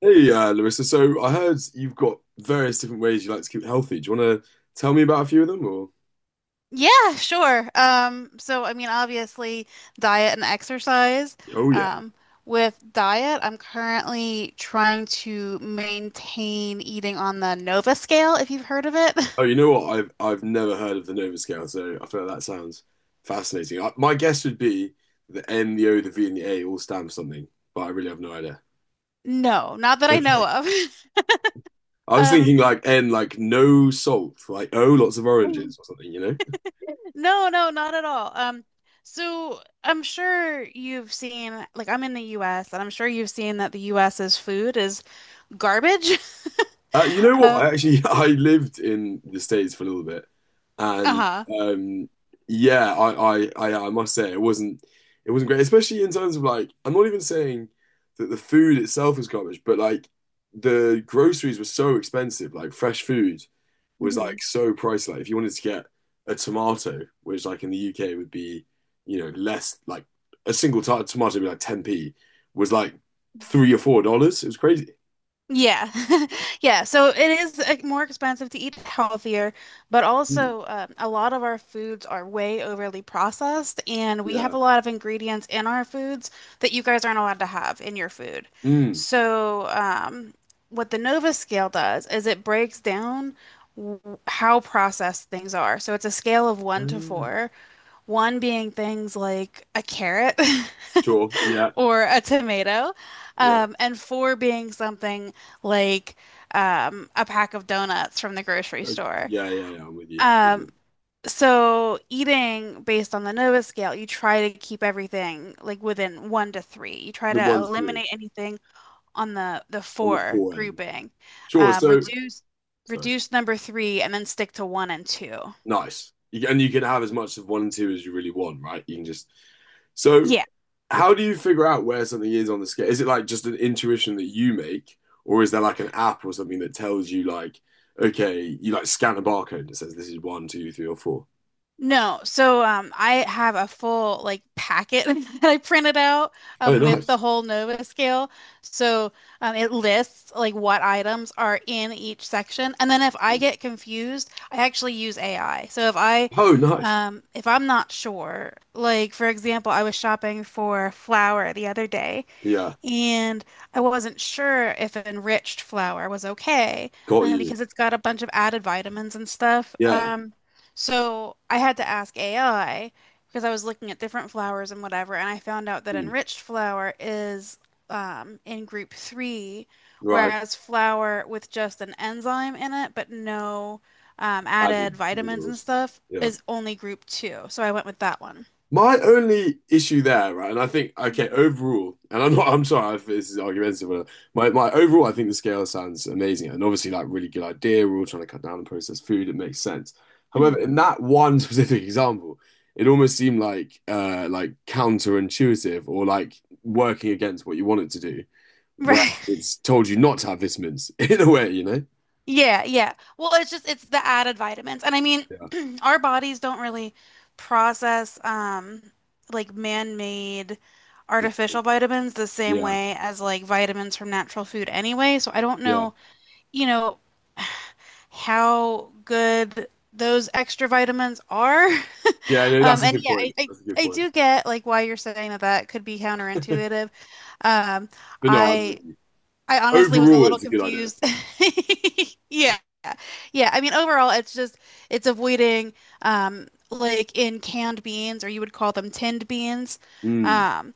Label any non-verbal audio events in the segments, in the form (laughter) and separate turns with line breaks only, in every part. Hey, Larissa. So I heard you've got various different ways you like to keep healthy. Do you want to tell me about a few of them, or?
Yeah, sure. So I mean, obviously, diet and exercise.
Oh yeah.
Um, with diet, I'm currently trying to maintain eating on the Nova scale, if you've heard of it.
Oh,
(laughs)
you know what? I've never heard of the Nova Scale, so I feel like that sounds fascinating. I, my guess would be the N, the O, the V, and the A all stand for something, but I really have no idea.
No, not that I know
Okay.
of. (laughs)
I was
Um,
thinking like N, like no salt, like O, lots of oranges or something, you know?
no, no, not at all. So I'm sure you've seen, like, I'm in the US, and I'm sure you've seen that the US's food is garbage. (laughs)
You know what? I
Um,
actually (laughs) I lived in the States for a little bit, and
uh-huh.
um, yeah, I must say it wasn't great, especially in terms of like I'm not even saying that the food itself was garbage, but like the groceries were so expensive. Like fresh food was like so pricey. Like if you wanted to get a tomato, which like in the UK would be you know less like a single t tomato would be like 10p, was like $3 or $4. It was crazy.
Yeah. (laughs) Yeah. So it is more expensive to eat healthier, but
Mm.
also a lot of our foods are way overly processed, and we have
Yeah.
a lot of ingredients in our foods that you guys aren't allowed to have in your food.
Mm.
So what the Nova scale does is it breaks down w- how processed things are. So it's a scale of
Oh,
one to
yeah.
four, one being things like a carrot.
Sure.
(laughs)
Yeah.
Or a tomato,
Yeah.
and four being something like a pack of donuts from the grocery
Okay.
store.
Yeah. Yeah. Yeah. I'm with you. With
Um,
you.
so eating based on the Nova scale, you try to keep everything like within one to three. You try
The
to
one to three
eliminate anything on the
on the
four
four end.
grouping,
Sure.
um,
So,
reduce
so
reduce number three, and then stick to one and two.
nice. You, can- and you can have as much of one and two as you really want, right? You can just. So,
Yeah.
how do you figure out where something is on the scale? Is it like just an intuition that you make, or is there like an app or something that tells you, like, okay, you like scan a barcode that says this is one, two, three, or four?
No, I have a full like packet (laughs) that I printed out
Oh,
with the
nice.
whole Nova scale. So it lists like what items are in each section, and then if I get confused, I actually use AI. So if I
Oh, nice.
if I'm not sure, like for example, I was shopping for flour the other day,
Yeah.
and I wasn't sure if enriched flour was okay
Got you.
because it's got a bunch of added vitamins and stuff.
Yeah.
So I had to ask AI because I was looking at different flours and whatever, and I found out that
Hmm.
enriched flour is in group three,
Right.
whereas flour with just an enzyme in it but no added
Added
vitamins and
minerals.
stuff
Yeah.
is only group two. So I went with that one.
My only issue there, right, and I think okay, overall, and I'm not, I'm sorry if this is argumentative, but my overall, I think the scale sounds amazing, and obviously, like really good idea. We're all trying to cut down on processed food; it makes sense. However,
Hmm.
in that one (laughs) specific example, it almost seemed like counterintuitive or like working against what you wanted to do,
(laughs)
where
Right.
it's told you not to have vitamins (laughs) in a way, you know?
Yeah, yeah. Well, it's the added vitamins. And I mean,
Yeah,
(clears throat) our bodies don't really process like man-made artificial
vitamins.
vitamins the same
yeah,
way as like vitamins from natural food anyway. So I don't
yeah,
know, you know, how good those extra vitamins are. (laughs)
yeah. No, that's
Um
a
and
good
yeah, I,
point.
I
That's a good
I
point.
do get like why you're saying that that could be counterintuitive. Um
But no, I'm
I
with you.
I honestly was a
Overall,
little
it's a good idea.
confused. (laughs) Yeah. Yeah, I mean overall it's avoiding like in canned beans, or you would call them tinned beans.
Mm,
Um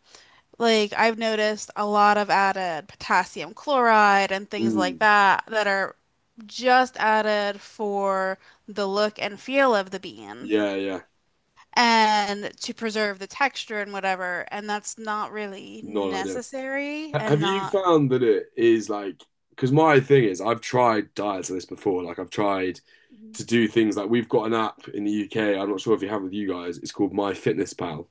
like I've noticed a lot of added potassium chloride and things like
mm,
that that are just added for the look and feel of the bean
yeah,
and to preserve the texture and whatever, and that's not really
not ideal.
necessary
Ha-
and
Have you
not.
found that it is like, because my thing is, I've tried diets like this before. Like, I've tried
Mhm.
to do things like we've got an app in the UK. I'm not sure if you have with you guys. It's called My Fitness Pal.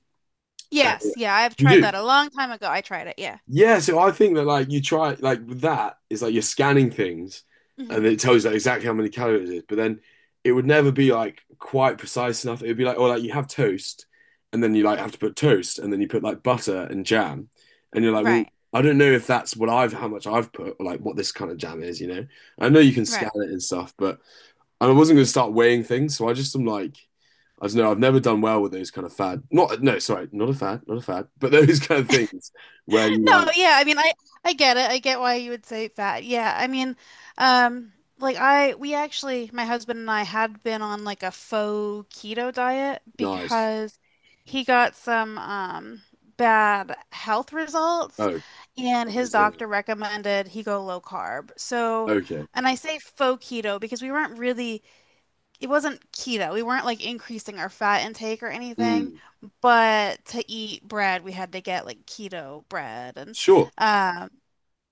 And
Yes, yeah, I've tried
you do.
that a long time ago. I tried it, yeah.
Yeah, so I think that like you try like with that is like you're scanning things and it
Hmm.
tells you like, exactly how many calories it is, but then it would never be like quite precise enough. It would be like, or like you have toast and then you like
Mhm.
have to put toast and then you put like butter and jam and you're like, well,
Right.
I don't know if that's what I've how much I've put or like what this kind of jam is, you know. I know you can scan
Right.
it and stuff, but I wasn't going to start weighing things, so I just am like I don't know, I've never done well with those kind of fad. Not no, sorry, not a fad, but (laughs) those kind of things where you
No,
like
yeah, I mean I get it. I get why you would say fat. Yeah, I mean like I we actually my husband and I had been on like a faux keto diet
nice.
because he got some bad health results,
Oh,
and
sorry
his
to hear that.
doctor recommended he go low carb. So,
Okay.
and I say faux keto because we weren't really it wasn't keto. We weren't like increasing our fat intake or anything,
Mm,
but to eat bread, we had to get like keto bread
sure.
um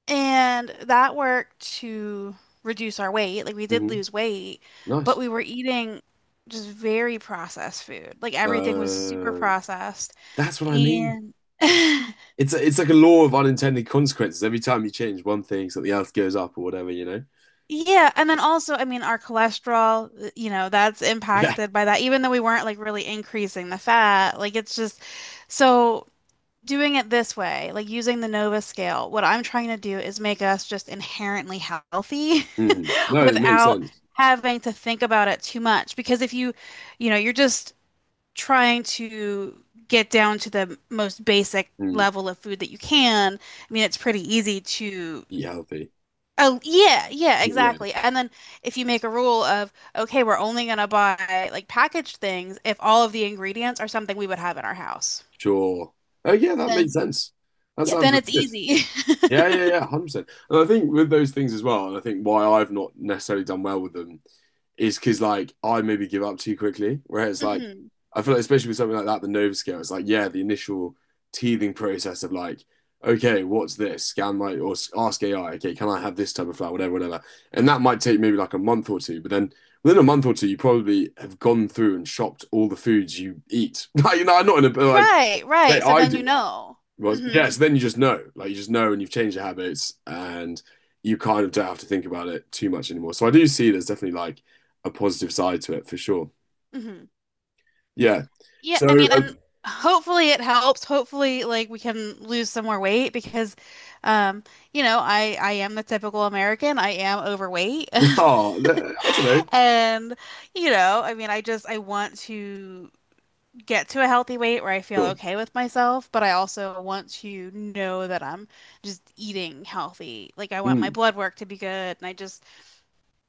and that worked to reduce our weight. Like we did
Hmm.
lose weight,
Nice.
but we were eating just very processed food. Like everything was super
Uh,
processed
that's what I mean.
and (laughs)
It's like a law of unintended consequences. Every time you change one thing, something else goes up or whatever, you know? (laughs)
yeah, and then also, I mean, our cholesterol, that's
Yeah.
impacted by that, even though we weren't like really increasing the fat. Like, it's just so doing it this way, like using the Nova scale, what I'm trying to do is make us just inherently healthy
Mm.
(laughs)
No, it makes
without
sense.
having to think about it too much. Because if you, you know, you're just trying to get down to the most basic
Mm.
level of food that you can, I mean, it's pretty easy to.
Eat healthy.
Oh, yeah, yeah,
Eat aware.
exactly. And then if you make a rule of, okay, we're only going to buy like packaged things if all of the ingredients are something we would have in our house,
Sure. Oh, yeah, that
then
makes sense. That
yeah,
sounds
then
really
it's
good.
easy. (laughs)
Yeah, yeah, yeah, 100%. And I think with those things as well, and I think why I've not necessarily done well with them is because, like, I maybe give up too quickly. Whereas, like,
Hmm.
I feel like, especially with something like that, the Nova Scale, it's like, yeah, the initial teething process of, like, okay, what's this? Scan my, or s- ask AI, okay, can I have this type of flower, whatever, whatever. And that might take maybe like a month or two. But then within a month or two, you probably have gone through and shopped all the foods you eat. (laughs) Like, you know, I'm not in a, like,
Right,
say
right. So
I
then you
do that.
know.
Well,
Hmm.
yes, then you just know. Like you just know and you've changed your habits and you kind of don't have to think about it too much anymore. So I do see there's definitely like a positive side to it for sure.
Hmm.
Yeah.
Yeah,
So,
I mean, and
um,
hopefully it helps. Hopefully, like we can lose some more weight because, um, I am the typical American. I am overweight. (laughs)
(laughs) oh, I don't know.
And, I mean, I want to get to a healthy weight where I feel
Sure.
okay with myself, but I also want to know that I'm just eating healthy. Like I want my
Mm.
blood work to be good, and I just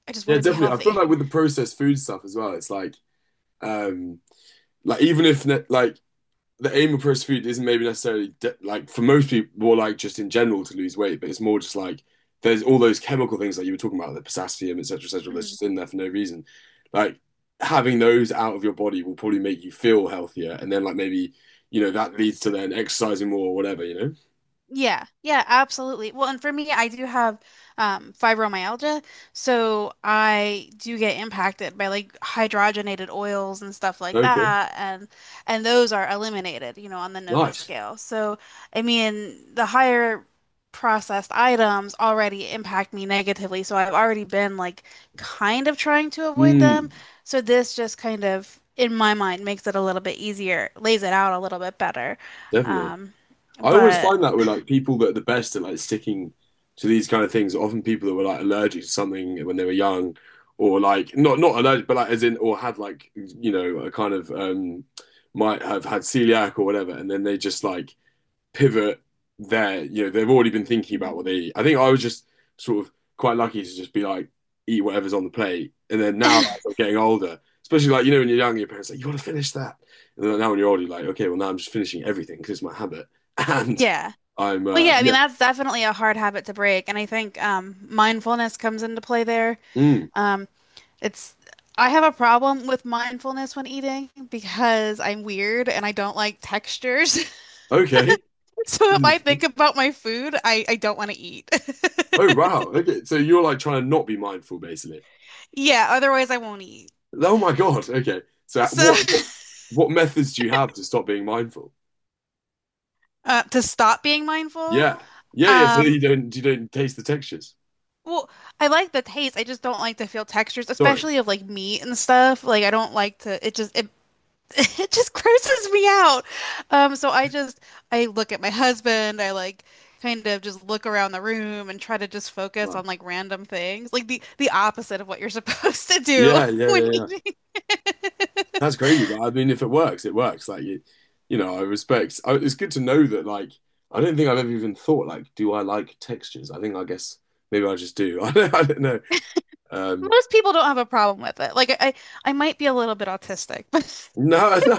I just
Yeah,
want to be
definitely. I feel
healthy.
like with the processed food stuff as well, it's um, like even if ne- like the aim of processed food isn't maybe necessarily de- like for most people more like just in general to lose weight, but it's more just like there's all those chemical things that you were talking about, the potassium, etc., etc., that's just
(laughs)
in there for no reason. Like having those out of your body will probably make you feel healthier, and then like maybe you know that leads to then exercising more or whatever. You
Yeah, yeah, absolutely. Well, and for me, I do have fibromyalgia, so I do get impacted by like hydrogenated oils and stuff like
know? Okay,
that, and those are eliminated, on the Nova
nice.
scale. So, I mean, the higher processed items already impact me negatively, so I've already been like kind of trying to avoid
Mm,
them. So this just kind of, in my mind, makes it a little bit easier, lays it out a little bit better.
definitely.
Um,
I always
but
find that with like people that are the best at like sticking to these kind of things, often people that were like allergic to something when they were young, or like not allergic, but like as in or had like you know a kind of might have had celiac or whatever, and then they just like pivot there. You know, they've already been thinking about
Mhm.
what they eat. I think I was just sort of quite lucky to just be like, eat whatever's on the plate. And then now as I'm
(laughs)
getting older, especially like, you know, when you're young, your parents are like, you want to finish that. And then now when you're older, you're like, okay, well, now I'm just finishing everything because it's my habit. (laughs) And
Yeah.
I'm,
Well, yeah, I mean
yeah,
that's definitely a hard habit to break, and I think mindfulness comes into play there.
mm,
Um, it's I have a problem with mindfulness when eating because I'm weird and I don't like textures. (laughs)
okay.
So if I think about my food, I don't want to eat.
Oh,
(laughs)
wow. Okay. So you're like trying to not be mindful, basically.
Yeah, otherwise I won't eat.
Oh, my God. Okay. So
So
what methods do you have to stop being mindful?
(laughs) to stop being mindful,
Yeah. Yeah. Yeah. So
um,
you don't taste the textures.
well, I like the taste. I just don't like to feel textures,
Got it.
especially of like meat and stuff. Like I don't like to. It just it (laughs) It just grosses me out. Um, so I just I look at my husband, I like kind of just look around the room and try to just focus on
Nice.
like random things. Like the opposite of what you're (laughs) supposed to do
Yeah,
(laughs)
yeah,
when
yeah, yeah.
you,
That's crazy. Like, I mean, if it works, it works. Like you know, I respect. I, it's good to know that. Like, I don't think I've ever even thought like, do I like textures? I think I guess maybe I just do. (laughs) I don't know. Um,
most people don't have a problem with it. Like I might be a little bit autistic, (laughs) but
No, (laughs) no.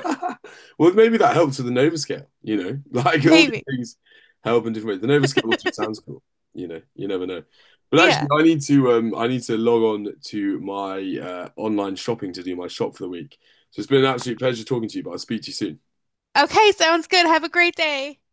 Well, maybe that helped with the Nova Scale, you know, (laughs) like all these
maybe.
things help in different ways. The Nova Scale also
(laughs)
sounds cool, you know, you never know. But actually,
Yeah.
I need to log on to my online shopping to do my shop for the week. So it's been an absolute pleasure talking to you, but I'll speak to you soon.
Okay, sounds good. Have a great day.